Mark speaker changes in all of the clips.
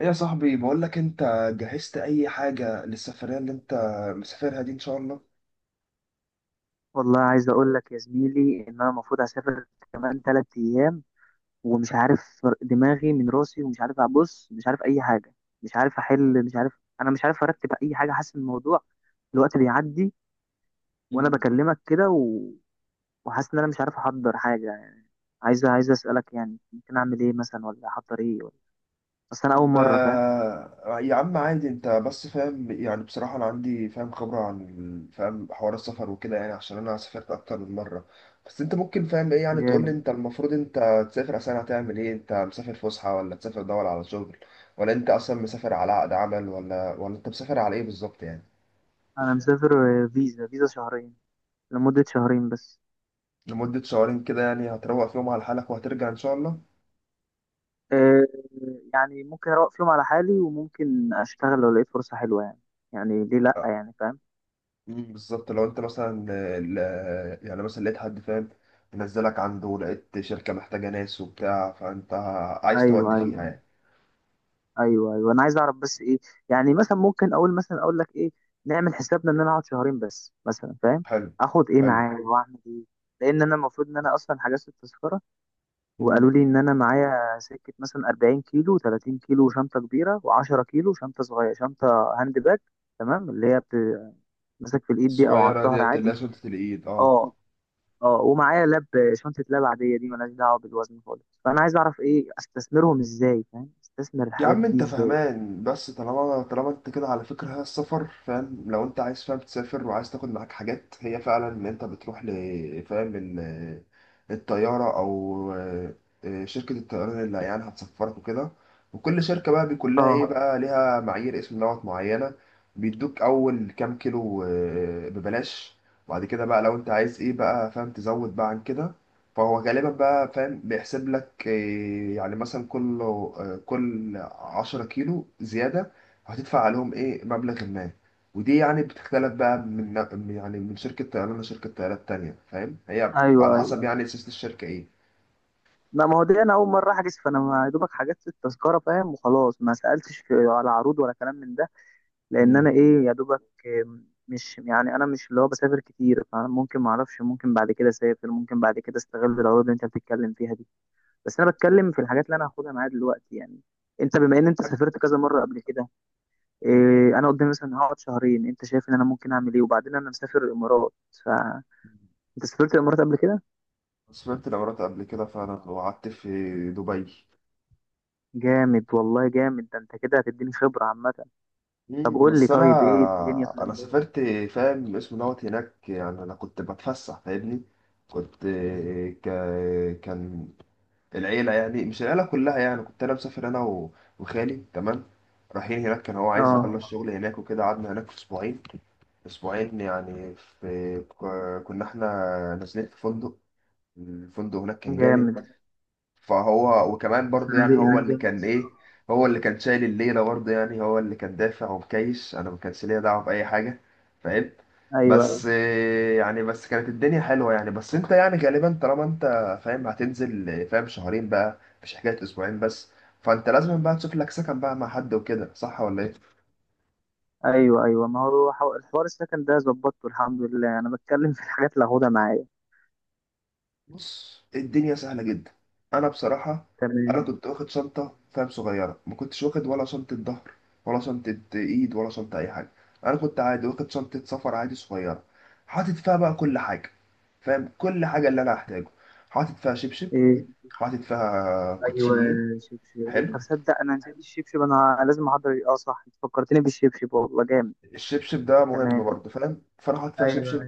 Speaker 1: إيه يا صاحبي، بقول لك انت جهزت اي حاجة للسفرية اللي انت مسافرها دي ان شاء الله.
Speaker 2: والله عايز اقول لك يا زميلي ان انا المفروض هسافر كمان 3 ايام، ومش عارف دماغي من راسي، ومش عارف ابص، مش عارف اي حاجه، مش عارف احل، مش عارف، انا مش عارف ارتب اي حاجه. حاسس إن الموضوع الوقت بيعدي وانا بكلمك كده وحاسس ان انا مش عارف احضر حاجه يعني. عايز اسالك يعني ممكن اعمل ايه مثلا، ولا احضر ايه، ولا بس انا اول
Speaker 1: طيب
Speaker 2: مره، فاهم؟
Speaker 1: يا عم عادي، انت بس فاهم. يعني بصراحة انا عندي فاهم خبرة عن فاهم حوار السفر وكده، يعني عشان انا سافرت اكتر من مرة. بس انت ممكن فاهم ايه؟ يعني تقول لي
Speaker 2: جامد.
Speaker 1: انت المفروض انت تسافر اصلا هتعمل ايه، انت مسافر فسحة ولا تسافر دور على شغل ولا انت اصلا مسافر على عقد عمل ولا انت مسافر على ايه بالظبط يعني.
Speaker 2: انا مسافر فيزا شهرين، لمده شهرين بس.
Speaker 1: لمدة شهرين كده يعني هتروق فيهم على حالك وهترجع ان شاء الله.
Speaker 2: آه، يعني ممكن اروق فيهم على حالي، وممكن اشتغل لو لقيت فرصة حلوة يعني. يعني ليه لا يعني، فاهم؟
Speaker 1: بالظبط. لو انت مثلا يعني مثلا لقيت حد فاهم منزلك عنده، ولقيت شركة محتاجة ناس وبتاع، فانت عايز
Speaker 2: ايوه،
Speaker 1: تودي فيها
Speaker 2: ايوه،
Speaker 1: يعني.
Speaker 2: ايوه، ايوه، انا عايز اعرف بس ايه. يعني مثلا ممكن اقول، مثلا اقول لك ايه، نعمل حسابنا ان انا اقعد شهرين بس مثلا، فاهم؟
Speaker 1: حلو،
Speaker 2: اخد ايه
Speaker 1: حلو.
Speaker 2: معايا واعمل ايه. لان انا المفروض ان انا اصلا حجزت التذكرة،
Speaker 1: مم.
Speaker 2: وقالوا لي ان انا معايا سكة مثلا 40 كيلو، 30 كيلو شنطة كبيرة و10 كيلو شنطة صغيرة، شنطة هاند باج. تمام؟ اللي هي ماسك في الايد دي او على
Speaker 1: الصغيرة
Speaker 2: الظهر
Speaker 1: ديت اللي
Speaker 2: عادي.
Speaker 1: هي سلطة الإيد، اه.
Speaker 2: اه. اه، ومعايا لاب، شنطة لاب عادية دي ملهاش دعوة بالوزن خالص. فأنا عايز أعرف إيه، أستثمرهم إزاي، فاهم؟ أستثمر
Speaker 1: يا
Speaker 2: الحاجات
Speaker 1: عم
Speaker 2: دي
Speaker 1: انت
Speaker 2: إزاي.
Speaker 1: فهمان، بس طالما انت كده، على فكرة هي السفر فاهم. لو انت عايز فاهم تسافر وعايز تاخد معاك حاجات، هي فعلا ان انت بتروح الطيارة، او شركة الطيران اللي يعني هتسفرك وكده. وكل شركة بقى بيكون لها ايه،
Speaker 2: اه.
Speaker 1: بقى ليها معايير اسم دوت معينة. بيدوك اول كام كيلو ببلاش، بعد كده بقى لو انت عايز ايه بقى فاهم تزود بقى عن كده. فهو غالبا بقى فاهم بيحسب لك إيه، يعني مثلا كل 10 كيلو زيادة هتدفع عليهم ايه، مبلغ ما. ودي يعني بتختلف بقى من يعني من شركة طيران لشركة طيران تانية، فاهم، هي على
Speaker 2: أيوه، أيوه،
Speaker 1: حسب
Speaker 2: أيوه،
Speaker 1: يعني سياسة الشركة ايه.
Speaker 2: لا، ما هو دي أنا أول مرة أحجز، فأنا ما يا دوبك حجزت التذكرة فاهم، وخلاص ما سألتش في على عروض ولا كلام من ده، لأن أنا
Speaker 1: مم.
Speaker 2: إيه، يا دوبك. مش يعني، أنا مش اللي هو بسافر كتير، فممكن ما أعرفش، ممكن بعد كده أسافر، ممكن بعد كده أستغل العروض اللي أنت بتتكلم فيها دي. بس أنا
Speaker 1: مم.
Speaker 2: بتكلم في الحاجات اللي أنا هاخدها معايا دلوقتي يعني. أنت بما إن أنت
Speaker 1: حاجة-
Speaker 2: سافرت كذا مرة قبل كده،
Speaker 1: مم.
Speaker 2: إيه انا قدامي؟ مثلا هقعد شهرين، انت شايف ان انا ممكن اعمل ايه؟ وبعدين انا مسافر الامارات. ف انت سافرت الامارات قبل كده؟
Speaker 1: سافرت الإمارات قبل كده فعلا، وقعدت في دبي.
Speaker 2: جامد والله، جامد، ده انت كده هتديني خبره عامه. طب قول لي،
Speaker 1: بس انا
Speaker 2: طيب ايه الدنيا في
Speaker 1: انا
Speaker 2: الامارات؟
Speaker 1: سافرت فاهم اسمه دوت هناك، يعني انا كنت بتفسح فاهمني. كنت ك... كان العيله، يعني مش العيله كلها، يعني كنت انا مسافر انا و... وخالي. تمام، رايحين هناك. كان هو عايز يخلص
Speaker 2: اه.
Speaker 1: شغل هناك وكده، قعدنا هناك اسبوعين. يعني في كنا احنا نازلين في فندق. الفندق هناك كان جامد.
Speaker 2: جامد.
Speaker 1: فهو وكمان برضه، يعني
Speaker 2: الفنادق
Speaker 1: هو
Speaker 2: هناك
Speaker 1: اللي
Speaker 2: جامدة
Speaker 1: كان ايه،
Speaker 2: الصراحة.
Speaker 1: هو اللي كان شايل الليله برضه. يعني هو اللي كان دافع ومكيش، انا ما كانش ليا دعوه باي حاجه فاهم. بس
Speaker 2: ايوه،
Speaker 1: يعني بس كانت الدنيا حلوه يعني. بس انت يعني غالبا طالما انت فاهم هتنزل فاهم شهرين بقى، مش حكايه اسبوعين بس. فانت لازم بقى تشوف لك سكن بقى مع حد وكده، صح ولا ايه؟
Speaker 2: ايوه، ايوه، ما هو الحوار السكن ده ظبطته الحمد لله. انا بتكلم في الحاجات اللي هاخدها معايا.
Speaker 1: بص الدنيا سهلة جدا. أنا بصراحة، أنا
Speaker 2: تمام.
Speaker 1: كنت واخد شنطة فاهم صغيرة، ما كنتش واخد ولا شنطة ظهر، ولا شنطة إيد، ولا شنطة أي حاجة. أنا كنت عادي واخد شنطة سفر عادي صغيرة، حاطط فيها بقى كل حاجة، فاهم، كل حاجة اللي أنا هحتاجه. حاطط فيها شبشب،
Speaker 2: ايه.
Speaker 1: حاطط فيها
Speaker 2: ايوه.
Speaker 1: كوتشيين.
Speaker 2: شبشب، انت
Speaker 1: حلو.
Speaker 2: تصدق انا نسيت الشبشب؟ انا لازم احضر، اه صح، أنت فكرتني بالشبشب، والله جامد.
Speaker 1: الشبشب ده مهم
Speaker 2: تمام.
Speaker 1: برضه فاهم، فأنا حاطط فيها
Speaker 2: ايوه.
Speaker 1: شبشب،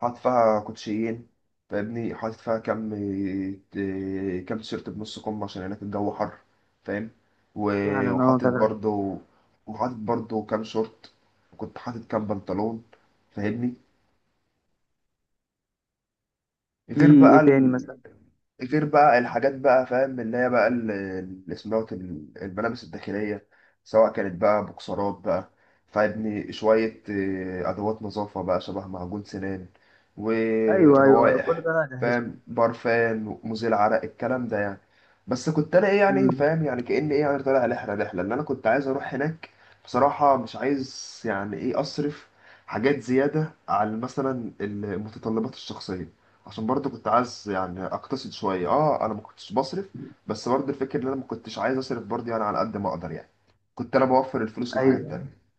Speaker 1: حاطط فيها كوتشيين، فاهمني. حاطط فيها كام تيشيرت بنص كم، عشان هناك الجو حر، فاهم. و-
Speaker 2: فعلا اه،
Speaker 1: وحاطط
Speaker 2: طبعا.
Speaker 1: برضو، وحاطط برضو كام شورت، وكنت حاطط كام بنطلون، فاهمني. غير
Speaker 2: في ايه
Speaker 1: بقى،
Speaker 2: تاني مثلا؟
Speaker 1: غير بقى الحاجات بقى فاهم، اللي هي بقى الملابس الداخلية، سواء كانت بقى بوكسرات بقى. فابني شوية أدوات نظافة بقى، شبه معجون سنان
Speaker 2: ايوه، ايوه، أيوة، كل
Speaker 1: وروائح،
Speaker 2: ده انا هجهزه.
Speaker 1: فاهم، برفان، مزيل عرق، الكلام ده يعني. بس كنت أنا إيه يعني،
Speaker 2: امم.
Speaker 1: فاهم، يعني كأني إيه يعني طالع رحلة اللي أنا كنت عايز أروح هناك. بصراحة مش عايز يعني إيه أصرف حاجات زيادة على مثلا المتطلبات الشخصية، عشان برضه كنت عايز يعني اقتصد شويه، اه انا ما كنتش بصرف. بس برضه الفكره ان انا ما كنتش عايز اصرف برضه، يعني على قد ما اقدر يعني، كنت انا بوفر الفلوس لحاجات
Speaker 2: ايوه،
Speaker 1: تانية.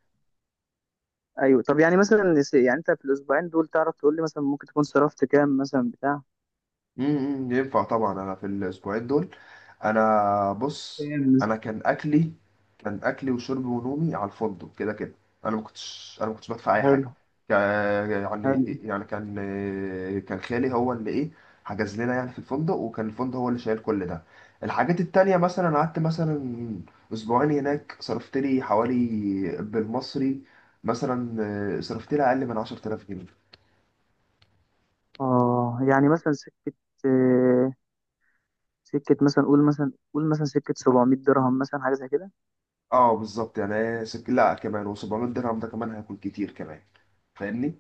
Speaker 2: ايوه. طب يعني مثلا يعني انت في الاسبوعين دول تعرف تقول لي مثلا ممكن تكون صرفت كام مثلا بتاع،
Speaker 1: ينفع طبعا. انا في الاسبوعين دول، انا بص،
Speaker 2: فاهم؟
Speaker 1: انا كان اكلي، كان اكلي وشربي ونومي على الفندق كده كده. انا ما كنتش بدفع اي حاجه.
Speaker 2: حلو.
Speaker 1: كا- يعني
Speaker 2: حلو.
Speaker 1: يعني كان كان خالي هو اللي ايه، حجز لنا يعني في الفندق، وكان الفندق هو اللي شايل كل ده. الحاجات التانية، مثلا قعدت مثلا اسبوعين هناك، صرفت لي حوالي، بالمصري، مثلا صرفت لي اقل من 10,000 جنيه.
Speaker 2: اه يعني مثلا سكة، آه، سكة مثلا قول، مثلا قول مثلا، سكة 700 درهم مثلا، حاجة زي كده.
Speaker 1: اه بالظبط، يعني لا كمان، و700 درهم ده كمان هياكل كتير كمان، فاهمني.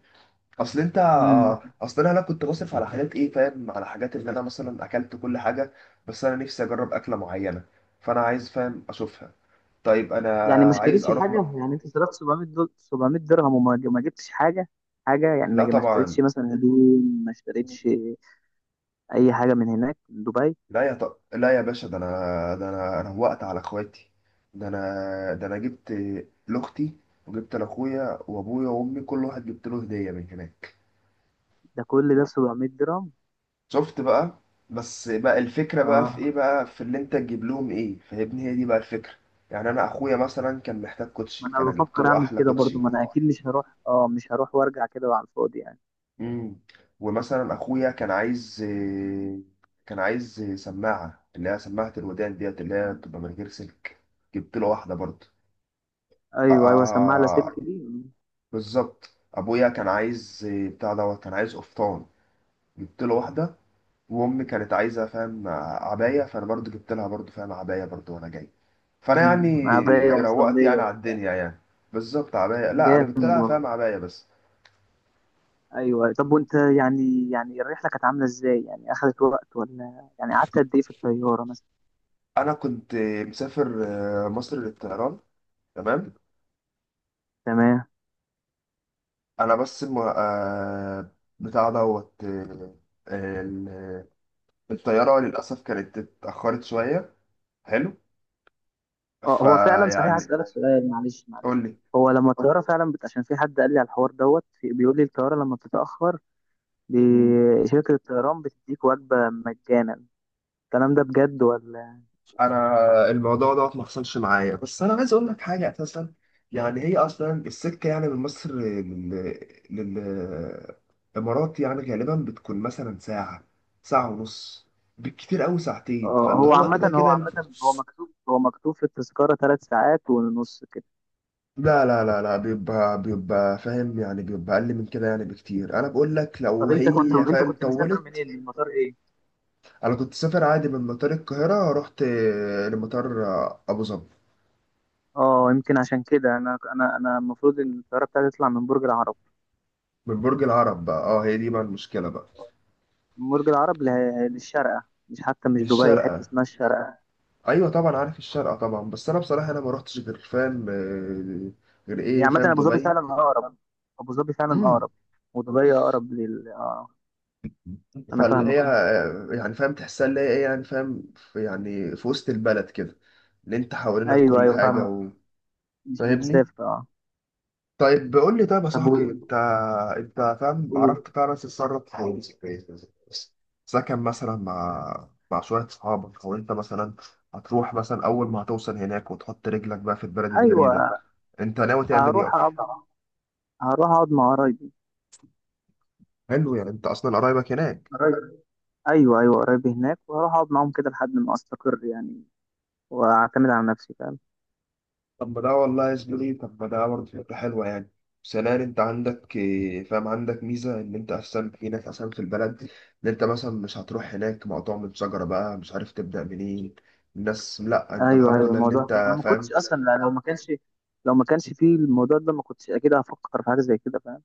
Speaker 1: اصل انت
Speaker 2: امم.
Speaker 1: آه، اصل انا لا كنت بصرف على حاجات ايه، فاهم، على حاجات اللي انا مثلا اكلت كل حاجه، بس انا نفسي اجرب اكله معينه، فانا عايز فاهم اشوفها. طيب انا
Speaker 2: يعني ما
Speaker 1: عايز
Speaker 2: اشتريتش
Speaker 1: اروح
Speaker 2: حاجة؟ يعني انت صرفت 700، دول 700 درهم، وما ما جبتش حاجة؟ حاجة يعني، ما
Speaker 1: لا
Speaker 2: ما اشتريتش
Speaker 1: طبعا.
Speaker 2: مثلا هدوم، ما اشتريتش اي حاجة من هناك، من دبي؟
Speaker 1: لا يا باشا، ده انا، انا وقت على اخواتي. ده انا جبت لاختي، وجبت لاخويا وابويا وامي، كل واحد جبت له هديه من هناك.
Speaker 2: ده كل ده 700 درهم؟
Speaker 1: شفت بقى؟ بس بقى الفكرة بقى في ايه،
Speaker 2: اه.
Speaker 1: بقى في اللي انت تجيب لهم ايه، فاهمني، هي دي بقى الفكرة. يعني انا اخويا مثلا كان محتاج
Speaker 2: ما
Speaker 1: كوتشي،
Speaker 2: انا
Speaker 1: فانا جبت
Speaker 2: بفكر
Speaker 1: له
Speaker 2: اعمل
Speaker 1: احلى
Speaker 2: كده برضو،
Speaker 1: كوتشي.
Speaker 2: ما انا اكيد مش هروح، اه مش هروح وارجع كده على الفاضي يعني.
Speaker 1: امم ومثلا اخويا كان عايز سماعة، اللي هي سماعة الودان ديت، اللي هي بتبقى من غير سلك، جبت له واحدة برضه. آه آه،
Speaker 2: ايوه، ايوه، سماعه
Speaker 1: آه، آه،
Speaker 2: لاسلكي دي.
Speaker 1: بالظبط. ابويا كان عايز آه، بتاع دوت كان عايز قفطان، جبت له واحدة. وامي كانت عايزه فاهم عبايه، فانا برضو جبت لها برضو فاهم عبايه برضو وانا جاي. فانا
Speaker 2: امم،
Speaker 1: يعني
Speaker 2: عبايه
Speaker 1: روقت
Speaker 2: ومصليه
Speaker 1: يعني على
Speaker 2: وبتاع.
Speaker 1: الدنيا يعني، بالظبط عبايه. لا انا جبت
Speaker 2: جامد
Speaker 1: لها فاهم
Speaker 2: والله.
Speaker 1: عبايه بس.
Speaker 2: ايوه، أيوه. طب وانت يعني، يعني الرحله كانت عامله ازاي؟ يعني اخذت وقت ولا يعني قعدت قد ايه في الطياره مثلا؟
Speaker 1: انا كنت مسافر مصر للطيران، تمام.
Speaker 2: تمام.
Speaker 1: انا بس الم... آه، بتاع دوت آه، ال- الطياره للاسف كانت اتاخرت شويه. حلو.
Speaker 2: اه، هو فعلا صحيح،
Speaker 1: فيعني
Speaker 2: هسألك سؤال، معلش معلش.
Speaker 1: قول
Speaker 2: هو لما الطياره فعلا عشان في حد قال لي على الحوار دوت بيقول لي الطياره لما بتتاخر،
Speaker 1: لي،
Speaker 2: شركه الطيران بتديك وجبه مجانا، الكلام ده بجد ولا؟
Speaker 1: انا الموضوع دوت ما حصلش معايا، بس انا عايز اقول لك حاجه. اساسا يعني هي اصلا السكه يعني من مصر للامارات، يعني غالبا بتكون مثلا ساعه، ساعه ونص، بالكتير قوي ساعتين، فاللي
Speaker 2: هو
Speaker 1: هو
Speaker 2: عامة،
Speaker 1: كده كده.
Speaker 2: هو مكتوب، في التذكرة 3 ساعات ونص كده.
Speaker 1: لا لا لا لا، بيبقى فاهم، يعني بيبقى اقل من كده يعني بكتير، انا بقول لك
Speaker 2: طب
Speaker 1: لو
Speaker 2: انت كنت،
Speaker 1: هي فاهم
Speaker 2: مسافر
Speaker 1: طولت.
Speaker 2: منين، من مطار ايه؟
Speaker 1: انا كنت سافر عادي من مطار القاهره، رحت لمطار ابو ظبي.
Speaker 2: اه، يمكن عشان كده انا، انا المفروض ان الطياره بتاعتي تطلع من برج العرب.
Speaker 1: من برج العرب بقى، اه هي دي بقى المشكله بقى،
Speaker 2: من برج العرب للشارقه، مش حتى مش دبي، حته
Speaker 1: للشارقة.
Speaker 2: اسمها الشارقه.
Speaker 1: أيوة طبعا عارف الشارقة طبعا، بس أنا بصراحة أنا ما روحتش غير فاهم غير
Speaker 2: يعني
Speaker 1: إيه
Speaker 2: عامه
Speaker 1: فاهم
Speaker 2: ابو ظبي
Speaker 1: دبي.
Speaker 2: فعلا اقرب. ابو ظبي فعلا
Speaker 1: امم
Speaker 2: اقرب ودبي اقرب لل اه، انا
Speaker 1: فاللي هي
Speaker 2: فاهمك اه.
Speaker 1: يعني فاهم تحسها، اللي هي إيه يعني فاهم في، يعني في وسط البلد كده، اللي أنت حوالينك
Speaker 2: ايوه
Speaker 1: كل
Speaker 2: ايوه
Speaker 1: حاجة
Speaker 2: فاهمك. مش
Speaker 1: فاهمني.
Speaker 2: مسافه اه.
Speaker 1: طيب قول لي، طيب يا
Speaker 2: طب
Speaker 1: صاحبي، أنت فاهم
Speaker 2: قول.
Speaker 1: عرفت فعلا تتصرف في سكن مثلا مع شوية صحابك؟ أو أنت مثلا هتروح مثلا أول ما هتوصل هناك وتحط رجلك بقى في البلد الجديدة،
Speaker 2: ايوه،
Speaker 1: أنت ناوي تعمل إيه
Speaker 2: هروح
Speaker 1: أصلا؟
Speaker 2: اقعد، مع قرايبي.
Speaker 1: حلو، يعني انت اصلا قرايبك هناك.
Speaker 2: قريب. ايوه، ايوه، قريب هناك وهروح اقعد معاهم كده لحد ما استقر يعني، واعتمد على نفسي، فاهم؟
Speaker 1: طب ما ده والله يا زميلي، طب ما ده برضه فكرة حلوة يعني. ثانيا انت عندك إيه، فاهم، عندك ميزة ان انت اصلا هناك اصلا في البلد، ان انت مثلا مش هتروح هناك مقطوع من شجرة بقى مش عارف تبدأ منين الناس. لا انت
Speaker 2: ايوه،
Speaker 1: الحمد
Speaker 2: ايوه،
Speaker 1: لله ان
Speaker 2: الموضوع انا
Speaker 1: انت
Speaker 2: ما كنتش
Speaker 1: فاهم.
Speaker 2: اصلا، لو ما كانش، فيه الموضوع ده ما كنتش اكيد هفكر في حاجه زي كده، فاهم؟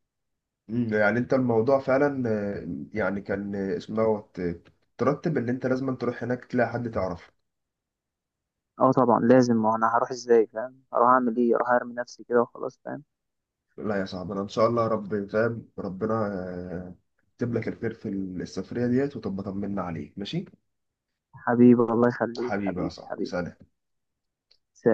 Speaker 1: يعني انت الموضوع فعلا يعني كان اسمه دوت ترتب ان انت لازم تروح هناك تلاقي حد تعرفه.
Speaker 2: اه طبعا لازم، ما انا هروح ازاي، فاهم؟ هروح اعمل ايه، اروح ارمي نفسي كده وخلاص، فاهم؟
Speaker 1: لا يا صاحبي، انا ان شاء الله رب فاهم ربنا آه، يكتب لك الخير في السفريه ديت، وتبقى طمنا عليك ماشي.
Speaker 2: حبيبي، الله يخليك
Speaker 1: حبيبي يا
Speaker 2: حبيبي،
Speaker 1: صاحبي،
Speaker 2: حبيبي.
Speaker 1: سلام.
Speaker 2: سلام.